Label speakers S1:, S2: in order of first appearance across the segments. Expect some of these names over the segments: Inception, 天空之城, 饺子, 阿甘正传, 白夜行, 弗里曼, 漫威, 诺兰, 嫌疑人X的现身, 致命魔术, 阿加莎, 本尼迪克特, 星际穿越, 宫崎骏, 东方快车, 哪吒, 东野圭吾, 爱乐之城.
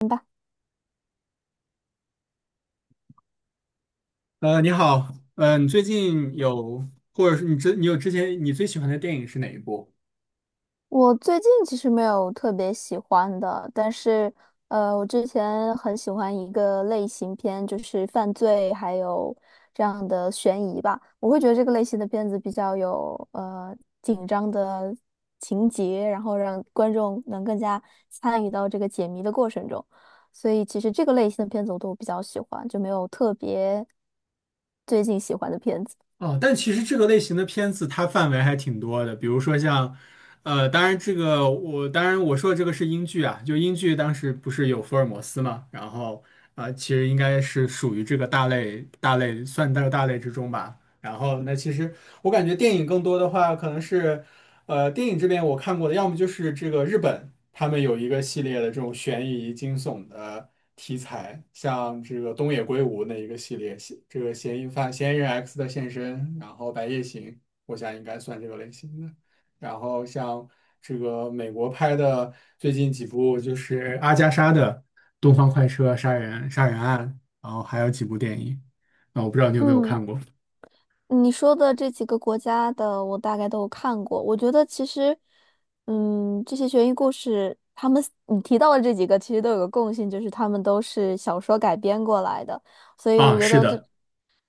S1: 明白。
S2: 你好，你最近有，或者是你之你有之前你最喜欢的电影是哪一部？
S1: 我最近其实没有特别喜欢的，但是我之前很喜欢一个类型片，就是犯罪还有这样的悬疑吧。我会觉得这个类型的片子比较有紧张的情节，然后让观众能更加参与到这个解谜的过程中。所以其实这个类型的片子我都比较喜欢，就没有特别最近喜欢的片子。
S2: 哦，但其实这个类型的片子它范围还挺多的，比如说像，当然这个我当然我说的这个是英剧啊，就英剧当时不是有福尔摩斯嘛，然后其实应该是属于这个大类大类算到大类之中吧。然后那其实我感觉电影更多的话可能是。电影这边我看过的，要么就是这个日本，他们有一个系列的这种悬疑惊悚的题材，像这个东野圭吾那一个系列，嫌这个嫌疑犯嫌疑人 X 的现身，然后《白夜行》，我想应该算这个类型的。然后像这个美国拍的最近几部，就是阿加莎的《东方快车》杀人案，然后还有几部电影啊，我不知道你有没有
S1: 嗯。
S2: 看过
S1: 你说的这几个国家的，我大概都有看过。我觉得其实，嗯，这些悬疑故事，他们你提到的这几个，其实都有个共性，就是他们都是小说改编过来的。所以我
S2: 啊？
S1: 觉
S2: 是
S1: 得这
S2: 的。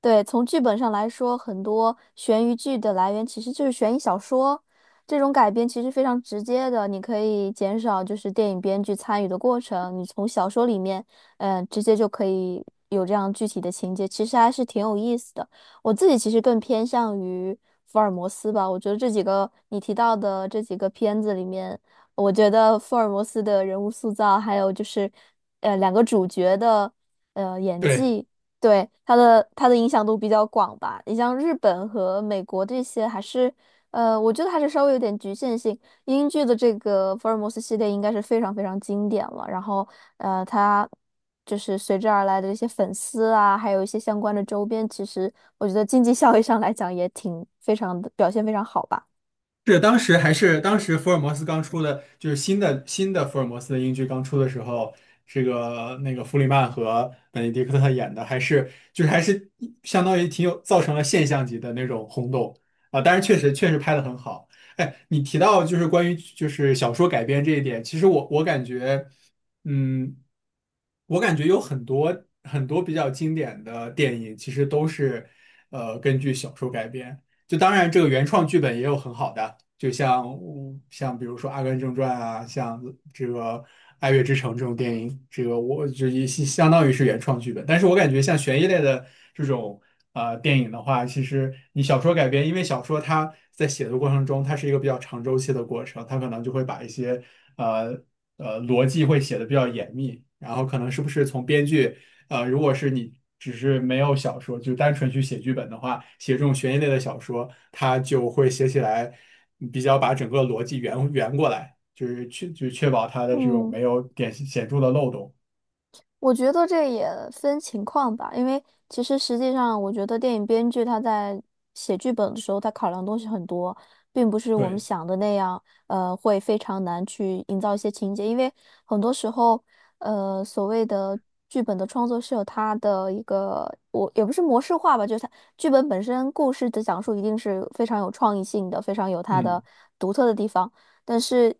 S1: 对，从剧本上来说，很多悬疑剧的来源其实就是悬疑小说，这种改编其实非常直接的，你可以减少就是电影编剧参与的过程，你从小说里面，嗯、直接就可以有这样具体的情节，其实还是挺有意思的。我自己其实更偏向于福尔摩斯吧，我觉得这几个你提到的这几个片子里面，我觉得福尔摩斯的人物塑造，还有就是，两个主角的演
S2: 对。
S1: 技。对，它的影响度比较广吧。你像日本和美国这些，还是我觉得还是稍微有点局限性。英剧的这个福尔摩斯系列应该是非常非常经典了。然后它就是随之而来的这些粉丝啊，还有一些相关的周边，其实我觉得经济效益上来讲也挺非常的表现非常好吧。
S2: 是当时福尔摩斯刚出的，就是新的福尔摩斯的英剧刚出的时候，这个那个弗里曼和本尼迪克特演的，还是就是还是相当于挺有造成了现象级的那种轰动啊！当然确实拍的很好。哎，你提到就是关于就是小说改编这一点，其实我感觉，嗯，我感觉有很多比较经典的电影，其实都是根据小说改编。就当然这个原创剧本也有很好的。就像像比如说《阿甘正传》啊，像这个《爱乐之城》这种电影，这个我就也当于是原创剧本。但是我感觉像悬疑类的这种电影的话，其实你小说改编，因为小说它在写的过程中，它是一个比较长周期的过程，它可能就会把一些呃逻辑会写的比较严密，然后可能是不是从编剧。如果是你只是没有小说，就单纯去写剧本的话，写这种悬疑类的小说，它就会写起来比较把整个逻辑圆过来，就是确保它的这种
S1: 嗯。
S2: 没有点显著的漏洞。
S1: 我觉得这也分情况吧，因为其实实际上，我觉得电影编剧他在写剧本的时候，他考量东西很多，并不是我们
S2: 对，
S1: 想的那样，会非常难去营造一些情节，因为很多时候，所谓的剧本的创作是有它的一个，我也不是模式化吧，就是它剧本本身故事的讲述一定是非常有创意性的，非常有它
S2: 嗯，
S1: 的独特的地方。但是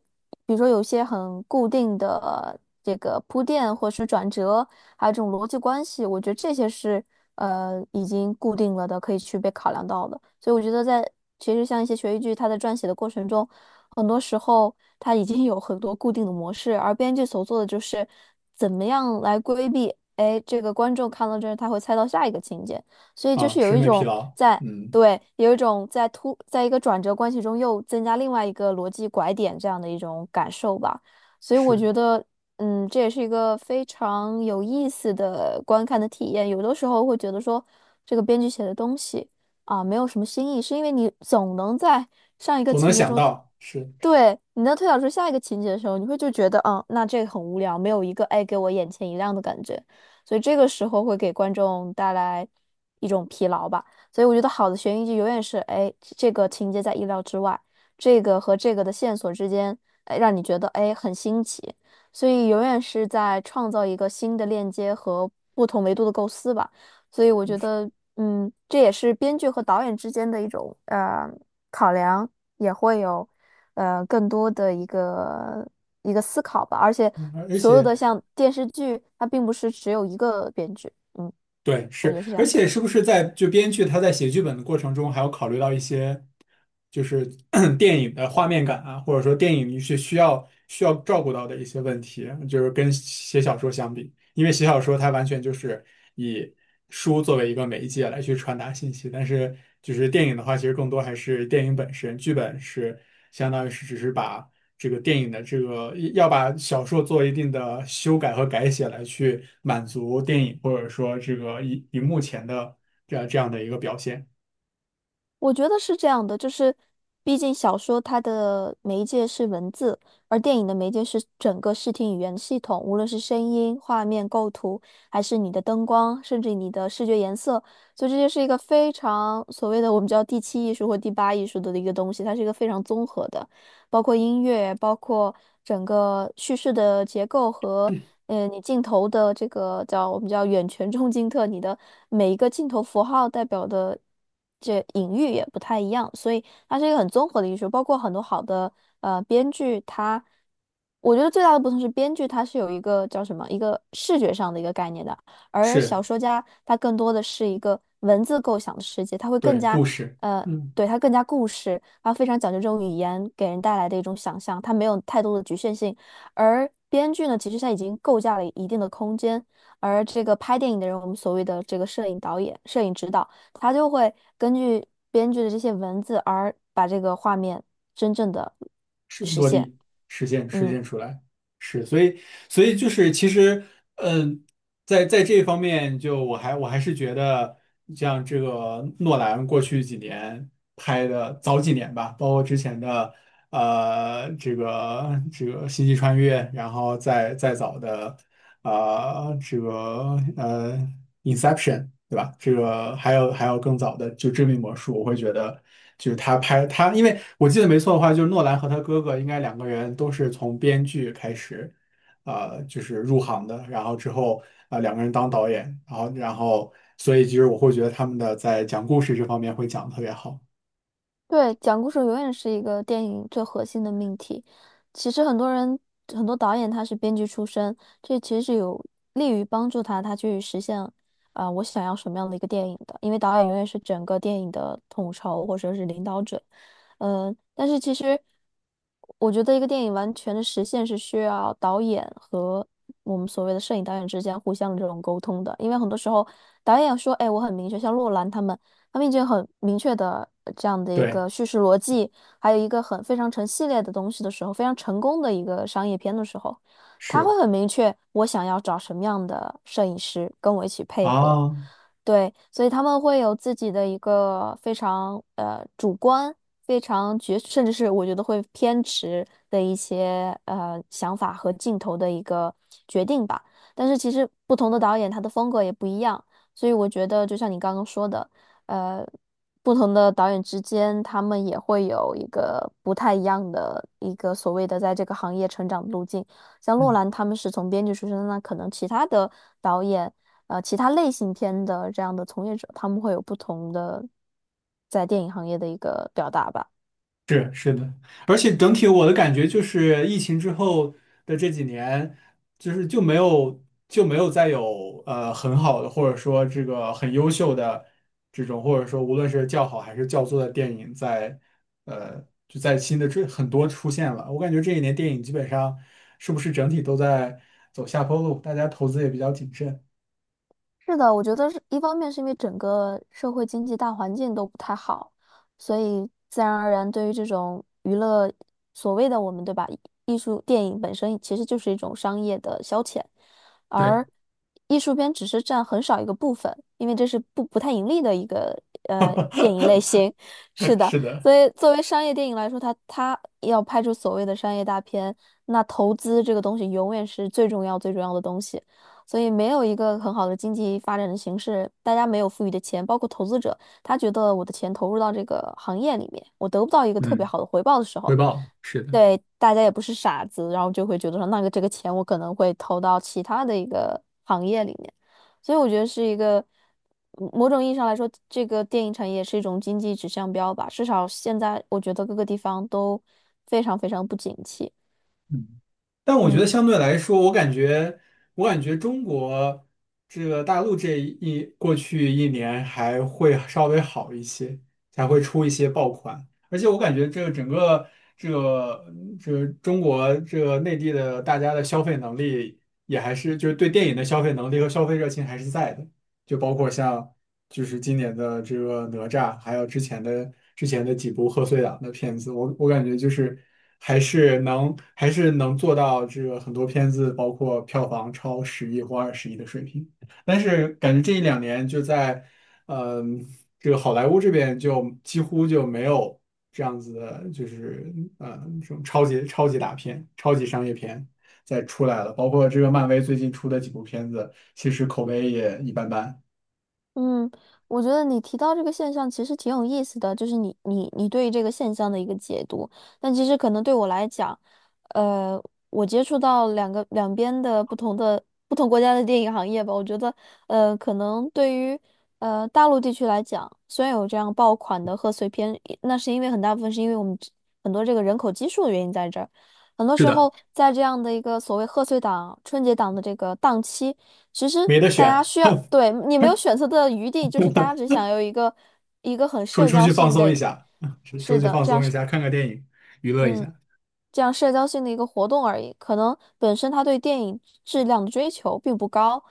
S1: 比如说有些很固定的这个铺垫或是转折，还有这种逻辑关系，我觉得这些是已经固定了的，可以去被考量到的。所以我觉得在其实像一些悬疑剧，它在撰写的过程中，很多时候它已经有很多固定的模式，而编剧所做的就是怎么样来规避。哎，这个观众看到这儿，他会猜到下一个情节，所以就
S2: 啊，
S1: 是有
S2: 审
S1: 一
S2: 美疲
S1: 种
S2: 劳，
S1: 在。
S2: 嗯，
S1: 对，有一种在突，在一个转折关系中又增加另外一个逻辑拐点这样的一种感受吧。所以我
S2: 是，
S1: 觉得，嗯，这也是一个非常有意思的观看的体验。有的时候会觉得说，这个编剧写的东西啊，没有什么新意，是因为你总能在上一个
S2: 总能
S1: 情节
S2: 想
S1: 中
S2: 到，是，
S1: 对，你能推导出下一个情节的时候，你会就觉得，嗯，那这个很无聊，没有一个哎给我眼前一亮的感觉，所以这个时候会给观众带来一种疲劳吧。所以我觉得好的悬疑剧永远是，哎，这个情节在意料之外，这个和这个的线索之间，哎，让你觉得哎很新奇，所以永远是在创造一个新的链接和不同维度的构思吧。所以我觉得，嗯，这也是编剧和导演之间的一种考量，也会有更多的一个思考吧。而且
S2: 嗯而而
S1: 所有
S2: 且。
S1: 的像电视剧，它并不是只有一个编剧，嗯，
S2: 对，
S1: 我觉
S2: 是，
S1: 得是这
S2: 而
S1: 样的。
S2: 且是不是在就编剧他在写剧本的过程中，还要考虑到一些就是 咳电影的画面感啊，或者说电影是需要照顾到的一些问题，就是跟写小说相比，因为写小说它完全就是以书作为一个媒介来去传达信息，但是就是电影的话，其实更多还是电影本身，剧本是相当于是只是把这个电影的这个要把小说做一定的修改和改写来去满足电影或者说这个荧幕前的这样的一个表现，
S1: 我觉得是这样的，就是毕竟小说它的媒介是文字，而电影的媒介是整个视听语言系统，无论是声音、画面、构图，还是你的灯光，甚至你的视觉颜色，所以这就是一个非常所谓的我们叫第七艺术或第八艺术的一个东西，它是一个非常综合的。包括音乐，包括整个叙事的结构和你镜头的这个叫我们叫远全中近特，你的每一个镜头符号代表的这隐喻也不太一样，所以它是一个很综合的艺术，包括很多好的编剧，它我觉得最大的不同是编剧它是有一个叫什么一个视觉上的一个概念的。而
S2: 是
S1: 小说家他更多的是一个文字构想的世界，他会更
S2: 对
S1: 加，
S2: 故事，
S1: 呃，
S2: 嗯。
S1: 对，他更加故事，他非常讲究这种语言给人带来的一种想象，他没有太多的局限性。而编剧呢，其实他已经构架了一定的空间，而这个拍电影的人，我们所谓的这个摄影导演、摄影指导，他就会根据编剧的这些文字而把这个画面真正的
S2: 是
S1: 实
S2: 落
S1: 现。
S2: 地实现实
S1: 嗯。
S2: 现出来，是，所以就是其实，嗯，在这方面，就我还是觉得，像这个诺兰过去几年拍的早几年吧，包括之前的星际穿越，然后再早的。啊、这个《Inception》,对吧？这个还有更早的，就《致命魔术》，我会觉得就是他拍他，因为我记得没错的话，就是诺兰和他哥哥应该两个人都是从编剧开始，就是入行的，然后之后两个人当导演，然后所以其实我会觉得他们的在讲故事这方面会讲得特别好，
S1: 对，讲故事永远是一个电影最核心的命题。其实很多人，很多导演他是编剧出身，这其实是有利于帮助他，他去实现啊、我想要什么样的一个电影的。因为导演永远是整个电影的统筹或者是领导者。嗯、但是其实我觉得一个电影完全的实现是需要导演和我们所谓的摄影导演之间互相的这种沟通的，因为很多时候导演说，哎，我很明确，像洛兰他们。他们已经很明确的这样的一
S2: 对，
S1: 个叙事逻辑，还有一个很非常成系列的东西的时候，非常成功的一个商业片的时候，他会
S2: 是
S1: 很明确我想要找什么样的摄影师跟我一起配合。
S2: 啊。
S1: 对，所以他们会有自己的一个非常主观、非常绝，甚至是我觉得会偏执的一些想法和镜头的一个决定吧。但是其实不同的导演他的风格也不一样，所以我觉得就像你刚刚说的。呃，不同的导演之间，他们也会有一个不太一样的一个所谓的在这个行业成长的路径。像洛兰他们是从编剧出身，那可能其他的导演，其他类型片的这样的从业者，他们会有不同的在电影行业的一个表达吧。
S2: 是是的，而且整体我的感觉就是，疫情之后的这几年，就是就没有就没有再有很好的，或者说这个很优秀的这种，或者说无论是较好还是较作的电影在，就在新的这很多出现了。我感觉这一年电影基本上是不是整体都在走下坡路，大家投资也比较谨慎。
S1: 是的，我觉得是一方面是因为整个社会经济大环境都不太好，所以自然而然对于这种娱乐，所谓的我们对吧，艺术电影本身其实就是一种商业的消遣，而艺术片只是占很少一个部分，因为这是不太盈利的一个电影类型。是
S2: 对，
S1: 的，
S2: 是的。
S1: 所以作为商业电影来说，它要拍出所谓的商业大片，那投资这个东西永远是最重要最重要的东西。所以没有一个很好的经济发展的形势，大家没有富裕的钱，包括投资者，他觉得我的钱投入到这个行业里面，我得不到一个特别
S2: 嗯，
S1: 好的回报的时
S2: 回
S1: 候，
S2: 报是的。
S1: 对，大家也不是傻子，然后就会觉得说，那个这个钱我可能会投到其他的一个行业里面，所以我觉得是一个。嗯，某种意义上来说，这个电影产业是一种经济指向标吧，至少现在我觉得各个地方都非常非常不景气。
S2: 嗯但我觉得
S1: 嗯。
S2: 相对来说，我感觉，我感觉中国这个大陆这一过去一年还会稍微好一些，才会出一些爆款。而且我感觉这个整个这个这个中国这个内地的大家的消费能力也还是就是对电影的消费能力和消费热情还是在的，就包括像就是今年的这个哪吒，还有之前的几部贺岁档的片子，我感觉就是还是能做到这个很多片子，包括票房超十亿或20亿的水平。但是感觉这一两年就在，嗯、这个好莱坞这边就几乎就没有这样子的，就是这种超级大片、超级商业片再出来了，包括这个漫威最近出的几部片子，其实口碑也一般般。
S1: 嗯，我觉得你提到这个现象其实挺有意思的，就是你对于这个现象的一个解读。但其实可能对我来讲，呃，我接触到两个两边的不同国家的电影行业吧，我觉得，可能对于大陆地区来讲，虽然有这样爆款的贺岁片，那是因为很大部分是因为我们这很多这个人口基数的原因在这儿。很多
S2: 是
S1: 时
S2: 的。
S1: 候，在这样的一个所谓贺岁档、春节档的这个档期。其实
S2: 没得
S1: 大家
S2: 选，
S1: 需要，对，你没有选择的余地，就是大家只想有一个很
S2: 出
S1: 社
S2: 出
S1: 交
S2: 去放
S1: 性
S2: 松一
S1: 的，
S2: 下，出出
S1: 是
S2: 去
S1: 的，
S2: 放
S1: 这样
S2: 松一
S1: 是，
S2: 下，看看电影，娱乐一
S1: 嗯。
S2: 下。
S1: 这样社交性的一个活动而已。可能本身他对电影质量的追求并不高，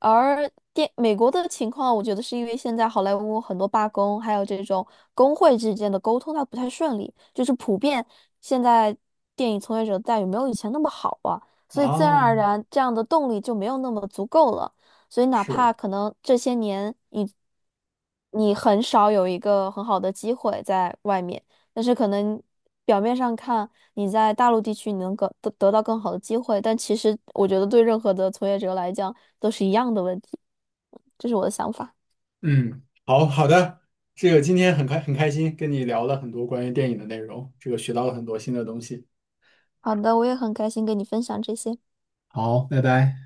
S1: 而电美国的情况，我觉得是因为现在好莱坞很多罢工，还有这种工会之间的沟通，它不太顺利，就是普遍现在电影从业者的待遇没有以前那么好啊，所以自然
S2: 哦，
S1: 而然这样的动力就没有那么足够了。所以哪怕
S2: 是，
S1: 可能这些年你很少有一个很好的机会在外面。但是可能表面上看你在大陆地区你能更得到更好的机会，但其实我觉得对任何的从业者来讲都是一样的问题，嗯这是我的想法。
S2: 嗯，好好的，这个今天很开心，跟你聊了很多关于电影的内容，这个学到了很多新的东西。
S1: 好的，我也很开心跟你分享这些。
S2: 好，拜拜。